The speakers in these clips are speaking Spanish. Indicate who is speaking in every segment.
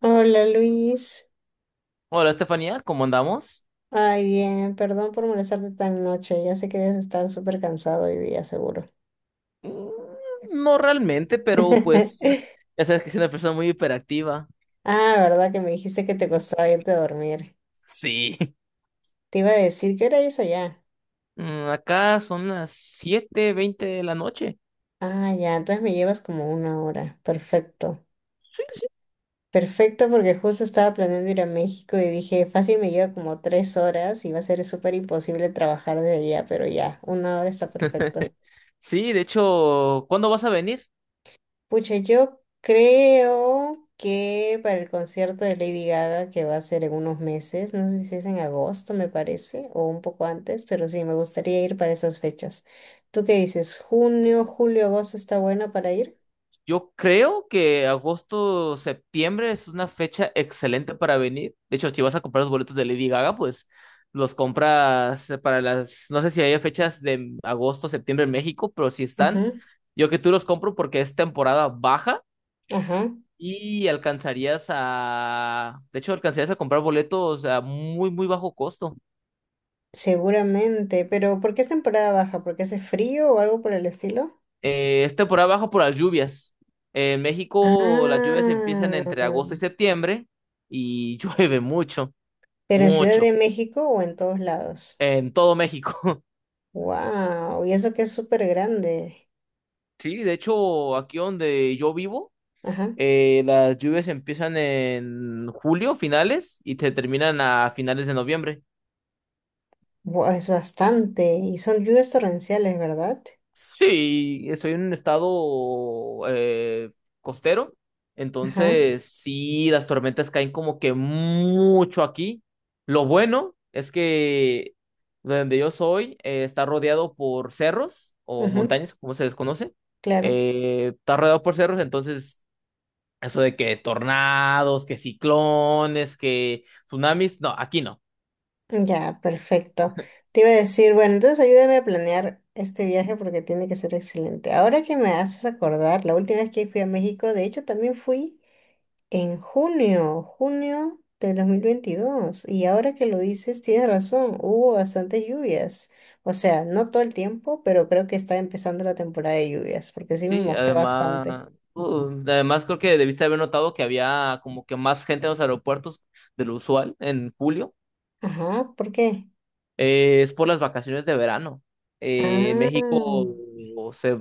Speaker 1: Hola Luis,
Speaker 2: Hola, Estefanía, ¿cómo andamos?
Speaker 1: ay bien, perdón por molestarte tan noche, ya sé que debes estar súper cansado hoy día, seguro.
Speaker 2: Mm, No realmente, pero pues ya sabes que soy una persona muy hiperactiva.
Speaker 1: Ah, verdad que me dijiste que te costaba irte a dormir.
Speaker 2: Sí.
Speaker 1: Te iba a decir, ¿qué hora es allá?
Speaker 2: Acá son las 7:20 de la noche.
Speaker 1: Ah, ya, entonces me llevas como una hora, perfecto. Perfecto porque justo estaba planeando ir a México y dije, fácil me lleva como tres horas y va a ser súper imposible trabajar desde allá, pero ya, una hora está perfecto.
Speaker 2: Sí, de hecho, ¿cuándo vas a venir?
Speaker 1: Pucha, yo creo que para el concierto de Lady Gaga, que va a ser en unos meses, no sé si es en agosto, me parece, o un poco antes, pero sí, me gustaría ir para esas fechas. ¿Tú qué dices? ¿Junio, julio, agosto está bueno para ir?
Speaker 2: Yo creo que agosto, septiembre es una fecha excelente para venir. De hecho, si vas a comprar los boletos de Lady Gaga, pues los compras para las, no sé si hay fechas de agosto, septiembre en México, pero si están,
Speaker 1: Ujú.
Speaker 2: yo que tú los compro porque es temporada baja
Speaker 1: Ajá.
Speaker 2: y alcanzarías a, de hecho, alcanzarías a comprar boletos a muy, muy bajo costo.
Speaker 1: Seguramente, pero ¿por qué es temporada baja? ¿Porque hace frío o algo por el estilo?
Speaker 2: Es temporada baja por las lluvias. En
Speaker 1: Ah,
Speaker 2: México las lluvias empiezan entre agosto y septiembre y llueve mucho.
Speaker 1: pero en Ciudad
Speaker 2: Mucho.
Speaker 1: de México o en todos lados.
Speaker 2: En todo México.
Speaker 1: Wow, y eso que es súper grande.
Speaker 2: Sí, de hecho, aquí donde yo vivo,
Speaker 1: Ajá.
Speaker 2: las lluvias empiezan en julio, finales, y te terminan a finales de noviembre.
Speaker 1: Es bastante, y son lluvias torrenciales, ¿verdad?
Speaker 2: Sí, estoy en un estado costero,
Speaker 1: Ajá,
Speaker 2: entonces sí, las tormentas caen como que mucho aquí. Lo bueno es que donde yo soy está rodeado por cerros o
Speaker 1: ajá,
Speaker 2: montañas, como se les conoce.
Speaker 1: claro.
Speaker 2: Está rodeado por cerros, entonces eso de que tornados, que ciclones, que tsunamis, no, aquí no.
Speaker 1: Ya, perfecto. Te iba a decir, bueno, entonces ayúdame a planear este viaje porque tiene que ser excelente. Ahora que me haces acordar, la última vez que fui a México, de hecho también fui en junio, junio del 2022 y ahora que lo dices, tienes razón, hubo bastantes lluvias. O sea, no todo el tiempo, pero creo que está empezando la temporada de lluvias, porque sí me
Speaker 2: Sí,
Speaker 1: mojé
Speaker 2: además,
Speaker 1: bastante.
Speaker 2: además creo que debiste haber notado que había como que más gente en los aeropuertos de lo usual en julio.
Speaker 1: Ajá, ¿por qué?
Speaker 2: Es por las vacaciones de verano. En
Speaker 1: Ah,
Speaker 2: México se...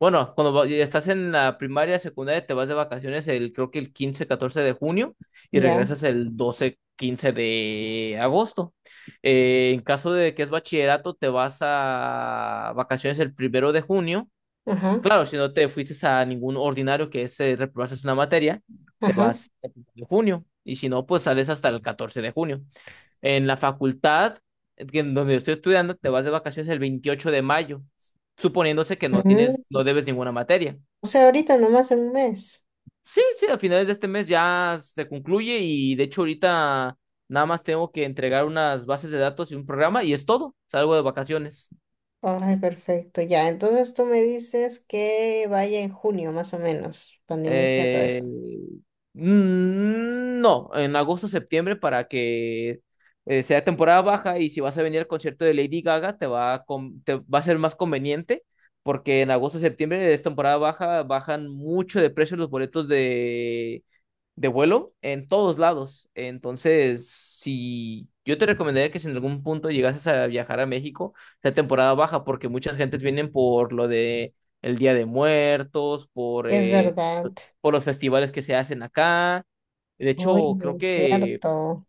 Speaker 2: Bueno, estás en la primaria, secundaria, te vas de vacaciones el, creo que el 15 14 de junio y
Speaker 1: ya,
Speaker 2: regresas el 12 15 de agosto. En caso de que es bachillerato, te vas a vacaciones el primero de junio.
Speaker 1: ajá,
Speaker 2: Claro, si no te fuiste a ningún ordinario que es reprobarse una materia, te
Speaker 1: ajá.
Speaker 2: vas el primero de junio. Y si no, pues sales hasta el 14 de junio. En la facultad en donde estoy estudiando, te vas de vacaciones el 28 de mayo, suponiéndose que no tienes,
Speaker 1: Mm.
Speaker 2: no debes ninguna materia.
Speaker 1: O sea, ahorita nomás en un mes.
Speaker 2: Sí, sí, a finales de este mes ya se concluye y de hecho ahorita nada más tengo que entregar unas bases de datos y un programa y es todo. Salgo de vacaciones.
Speaker 1: Ay, perfecto, ya. Entonces tú me dices que vaya en junio, más o menos, cuando inicia todo
Speaker 2: Eh,
Speaker 1: eso.
Speaker 2: no, en agosto, septiembre para que sea temporada baja y si vas a venir al concierto de Lady Gaga te va a, te va a ser más conveniente porque en agosto, septiembre es temporada baja, bajan mucho de precio los boletos de vuelo en todos lados. Entonces, si yo te recomendaría que si en algún punto llegases a viajar a México, sea temporada baja porque muchas gentes vienen por lo de el Día de Muertos, por
Speaker 1: Es
Speaker 2: eh,
Speaker 1: verdad.
Speaker 2: por los festivales que se hacen acá. De
Speaker 1: Oye,
Speaker 2: hecho,
Speaker 1: es cierto.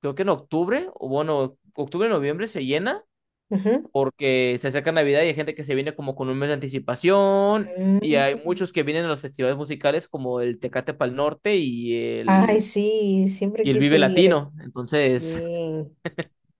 Speaker 2: creo que en octubre, o bueno, octubre, noviembre se llena
Speaker 1: Ujú.
Speaker 2: porque se acerca Navidad y hay gente que se viene como con un mes de anticipación y hay
Speaker 1: Mm.
Speaker 2: muchos que vienen a los festivales musicales como el Tecate Pal Norte y
Speaker 1: Ay,
Speaker 2: el,
Speaker 1: sí, siempre
Speaker 2: y el
Speaker 1: quise
Speaker 2: Vive
Speaker 1: ir.
Speaker 2: Latino. Entonces,
Speaker 1: Sí.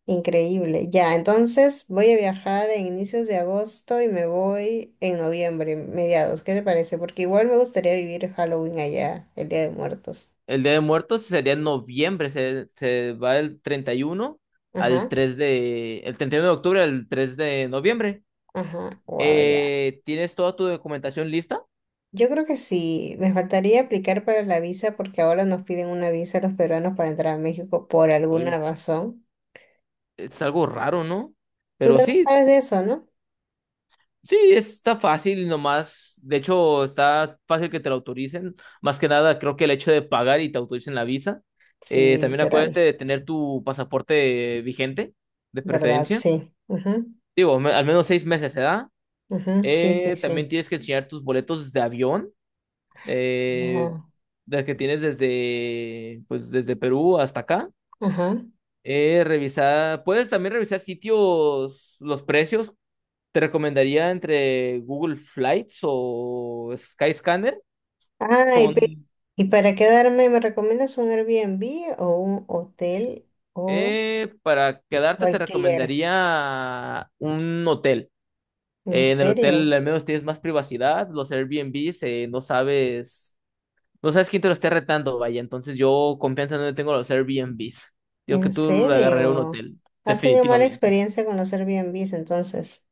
Speaker 1: Increíble. Ya, entonces voy a viajar en inicios de agosto y me voy en noviembre, mediados. ¿Qué te parece? Porque igual me gustaría vivir Halloween allá, el Día de Muertos.
Speaker 2: el Día de Muertos sería en noviembre, se va el 31 al
Speaker 1: Ajá,
Speaker 2: 3 de, el 31 de octubre al 3 de noviembre.
Speaker 1: ajá, wow, ya.
Speaker 2: ¿Tienes toda tu documentación lista?
Speaker 1: Yo creo que sí, me faltaría aplicar para la visa porque ahora nos piden una visa a los peruanos para entrar a México por
Speaker 2: Oye,
Speaker 1: alguna razón.
Speaker 2: es algo raro, ¿no?
Speaker 1: Tú
Speaker 2: Pero
Speaker 1: también
Speaker 2: sí,
Speaker 1: sabes de eso, ¿no?
Speaker 2: sí, está fácil nomás. De hecho, está fácil que te lo autoricen. Más que nada, creo que el hecho de pagar y te autoricen la visa.
Speaker 1: Sí,
Speaker 2: También acuérdate
Speaker 1: literal,
Speaker 2: de tener tu pasaporte vigente, de
Speaker 1: ¿verdad?
Speaker 2: preferencia.
Speaker 1: Sí. Ajá,
Speaker 2: Digo, al menos 6 meses se da.
Speaker 1: ajá, sí, sí, sí.
Speaker 2: También tienes que enseñar tus boletos de avión, eh,
Speaker 1: Ya.
Speaker 2: del que tienes desde, pues, desde Perú hasta acá.
Speaker 1: Ajá.
Speaker 2: Revisar, puedes también revisar sitios, los precios. Te recomendaría entre Google Flights o Skyscanner.
Speaker 1: Ay,
Speaker 2: Son.
Speaker 1: pe- y para quedarme, ¿me recomiendas un Airbnb o un hotel
Speaker 2: Para
Speaker 1: o
Speaker 2: quedarte, te
Speaker 1: alquiler?
Speaker 2: recomendaría un hotel.
Speaker 1: ¿En
Speaker 2: En el hotel
Speaker 1: serio?
Speaker 2: al menos tienes más privacidad. Los Airbnbs no sabes, no sabes quién te lo esté retando, vaya. Entonces yo confianza no le tengo a los Airbnbs. Digo que
Speaker 1: ¿En
Speaker 2: tú agarraré un
Speaker 1: serio?
Speaker 2: hotel,
Speaker 1: ¿Has tenido mala
Speaker 2: definitivamente.
Speaker 1: experiencia con los Airbnbs entonces?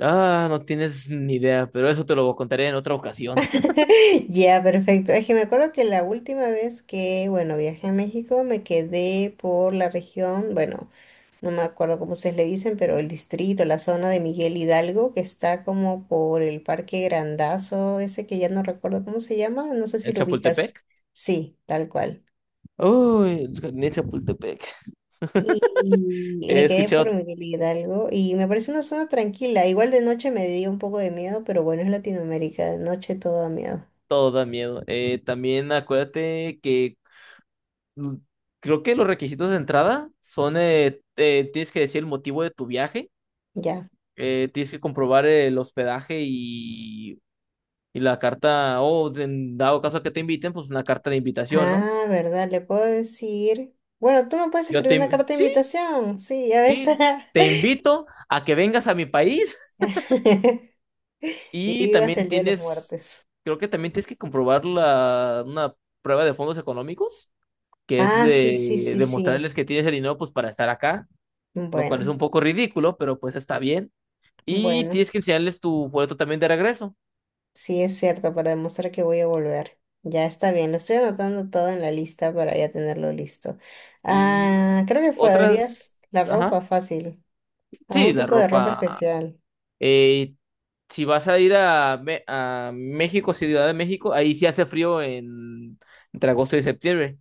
Speaker 2: Ah, no tienes ni idea, pero eso te lo contaré en otra ocasión.
Speaker 1: Ya, perfecto. Es que me acuerdo que la última vez que, bueno, viajé a México, me quedé por la región, bueno, no me acuerdo cómo ustedes le dicen, pero el distrito, la zona de Miguel Hidalgo, que está como por el Parque Grandazo, ese que ya no recuerdo cómo se llama, no sé si
Speaker 2: En
Speaker 1: lo ubicas.
Speaker 2: Chapultepec.
Speaker 1: Sí, tal cual.
Speaker 2: Uy, en Chapultepec.
Speaker 1: Y
Speaker 2: He
Speaker 1: me quedé por
Speaker 2: escuchado.
Speaker 1: Miguel Hidalgo y me parece una zona tranquila. Igual de noche me dio un poco de miedo, pero bueno, es Latinoamérica, de noche todo da miedo.
Speaker 2: Todo da miedo. También acuérdate que mm, creo que los requisitos de entrada son, tienes que decir el motivo de tu viaje,
Speaker 1: Ya.
Speaker 2: tienes que comprobar el hospedaje y la carta, o en dado caso que te inviten, pues una carta de invitación, ¿no?
Speaker 1: Ah, ¿verdad? Le puedo decir. Bueno, tú me puedes escribir una carta de
Speaker 2: Sí,
Speaker 1: invitación. Sí, ya ves.
Speaker 2: sí, te invito a que vengas a mi país.
Speaker 1: Y
Speaker 2: y
Speaker 1: vivas
Speaker 2: también
Speaker 1: el Día de los
Speaker 2: tienes,
Speaker 1: Muertos.
Speaker 2: Creo que también tienes que comprobar la, una prueba de fondos económicos que es
Speaker 1: Ah, sí, sí,
Speaker 2: de
Speaker 1: sí, sí.
Speaker 2: demostrarles que tienes el dinero pues para estar acá. Lo cual es un
Speaker 1: Bueno,
Speaker 2: poco ridículo, pero pues está bien. Y
Speaker 1: bueno,
Speaker 2: tienes que enseñarles tu boleto también de regreso.
Speaker 1: sí es cierto, para demostrar que voy a volver. Ya está bien, lo estoy anotando todo en la lista para ya tenerlo listo.
Speaker 2: Y
Speaker 1: Ah, creo que podrías
Speaker 2: otras,
Speaker 1: la ropa
Speaker 2: ajá,
Speaker 1: fácil,
Speaker 2: sí,
Speaker 1: algún
Speaker 2: la
Speaker 1: tipo de ropa
Speaker 2: ropa.
Speaker 1: especial.
Speaker 2: Eh, si vas a ir a, a México, Ciudad de México, ahí sí hace frío en, entre agosto y septiembre,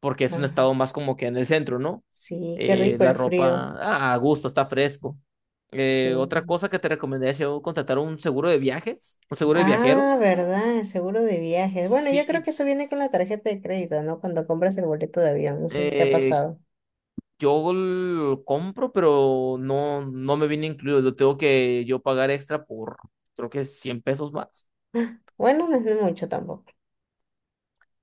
Speaker 2: porque es un
Speaker 1: Ah,
Speaker 2: estado más como que en el centro, ¿no?
Speaker 1: sí, qué rico
Speaker 2: La
Speaker 1: el frío.
Speaker 2: ropa, ah, a gusto, está fresco. Otra
Speaker 1: Sí.
Speaker 2: cosa que te recomendaría es yo contratar un seguro de viajes, un seguro de viajero.
Speaker 1: Ah, verdad, el seguro de viajes. Bueno, yo creo que
Speaker 2: Sí,
Speaker 1: eso viene con la tarjeta de crédito, ¿no? Cuando compras el boleto de avión, no sé si te ha
Speaker 2: eh,
Speaker 1: pasado.
Speaker 2: yo lo compro, pero no, no me viene incluido. Lo tengo que yo pagar extra por, creo que 100 pesos más.
Speaker 1: Bueno, no es mucho tampoco.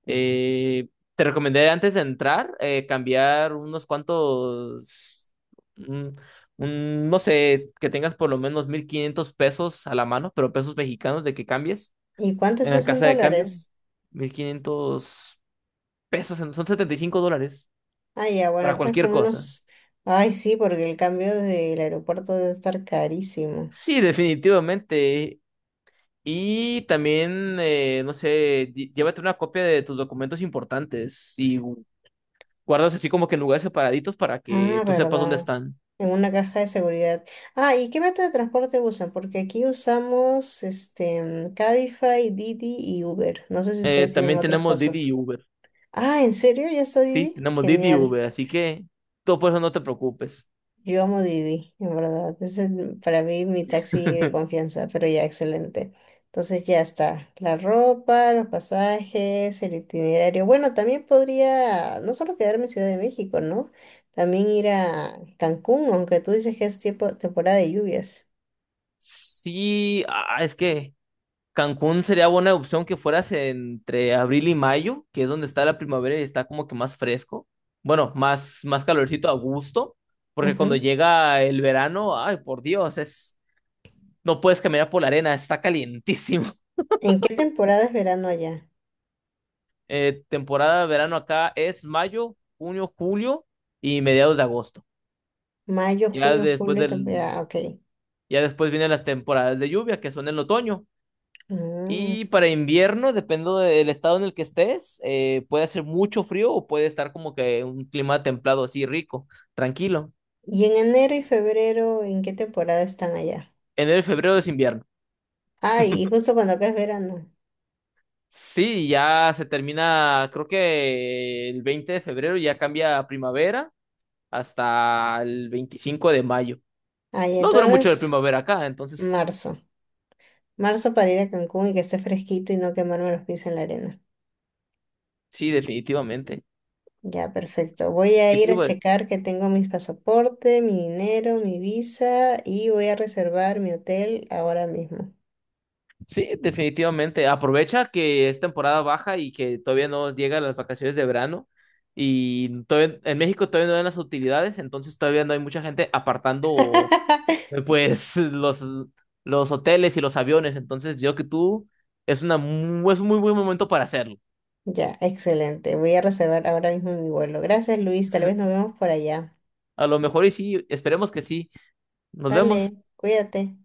Speaker 2: Eh, Te recomendé antes de entrar cambiar unos cuantos, un- no sé, que tengas por lo menos 1500 pesos a la mano, pero pesos mexicanos de que cambies
Speaker 1: ¿Y cuánto
Speaker 2: en
Speaker 1: es
Speaker 2: la
Speaker 1: eso en
Speaker 2: casa de cambio.
Speaker 1: dólares?
Speaker 2: 1500 pesos, son 75 dólares
Speaker 1: Ah, ya, bueno,
Speaker 2: para
Speaker 1: entonces
Speaker 2: cualquier
Speaker 1: como
Speaker 2: cosa.
Speaker 1: unos... Ay, sí, porque el cambio del aeropuerto debe estar carísimo.
Speaker 2: Sí, definitivamente. Y también, no sé, llévate una copia de tus documentos importantes y guardas así como que en lugares separaditos para que
Speaker 1: Ah,
Speaker 2: tú sepas dónde
Speaker 1: verdad.
Speaker 2: están.
Speaker 1: En una caja de seguridad. Ah, ¿y qué método de transporte usan? Porque aquí usamos este Cabify, Didi y Uber. No sé si ustedes tienen
Speaker 2: También
Speaker 1: otras
Speaker 2: tenemos Didi y
Speaker 1: cosas.
Speaker 2: Uber.
Speaker 1: Ah, ¿en serio? ¿Ya está
Speaker 2: Sí,
Speaker 1: Didi?
Speaker 2: tenemos Didi y
Speaker 1: Genial.
Speaker 2: Uber, así que tú por eso no te preocupes.
Speaker 1: Yo amo Didi, en verdad. Es para mí mi taxi de confianza, pero ya excelente. Entonces ya está. La ropa, los pasajes, el itinerario. Bueno, también podría no solo quedarme en Ciudad de México, ¿no? También ir a Cancún, aunque tú dices que es tiempo, temporada de lluvias.
Speaker 2: Sí, ah, es que Cancún sería buena opción que fueras entre abril y mayo, que es donde está la primavera y está como que más fresco. Bueno, más, más calorcito a gusto, porque cuando
Speaker 1: Ujú.
Speaker 2: llega el verano, ay, por Dios, es. No puedes caminar por la arena, está calientísimo.
Speaker 1: ¿En qué temporada es verano allá?
Speaker 2: Temporada de verano acá es mayo, junio, julio y mediados de agosto.
Speaker 1: Mayo,
Speaker 2: Ya
Speaker 1: junio,
Speaker 2: después
Speaker 1: julio,
Speaker 2: del,
Speaker 1: temporada. Ok.
Speaker 2: ya después vienen las temporadas de lluvia, que son en otoño.
Speaker 1: Mm.
Speaker 2: Y para invierno, dependiendo del estado en el que estés, puede hacer mucho frío o puede estar como que un clima templado así rico, tranquilo.
Speaker 1: ¿Y en enero y febrero, en qué temporada están allá?
Speaker 2: Enero y febrero es invierno.
Speaker 1: Ay, y justo cuando acá es verano.
Speaker 2: Sí, ya se termina, creo que el 20 de febrero ya cambia a primavera hasta el 25 de mayo.
Speaker 1: Ay,
Speaker 2: No dura mucho la
Speaker 1: entonces
Speaker 2: primavera acá, entonces
Speaker 1: Marzo. Marzo para ir a Cancún y que esté fresquito y no quemarme los pies en la arena.
Speaker 2: sí, definitivamente.
Speaker 1: Ya, perfecto. Voy a
Speaker 2: ¿Qué
Speaker 1: ir a
Speaker 2: tipo de-
Speaker 1: checar que tengo mis pasaporte, mi dinero, mi visa y voy a reservar mi hotel ahora mismo.
Speaker 2: Sí, definitivamente. Aprovecha que es temporada baja y que todavía no llegan las vacaciones de verano. Y todavía, en México todavía no dan las utilidades, entonces todavía no hay mucha gente apartando pues los hoteles y los aviones. Entonces yo que tú es un muy buen momento para hacerlo.
Speaker 1: Ya, excelente. Voy a reservar ahora mismo mi vuelo. Gracias, Luis. Tal vez nos vemos por allá.
Speaker 2: A lo mejor y sí, esperemos que sí. Nos vemos.
Speaker 1: Vale, cuídate.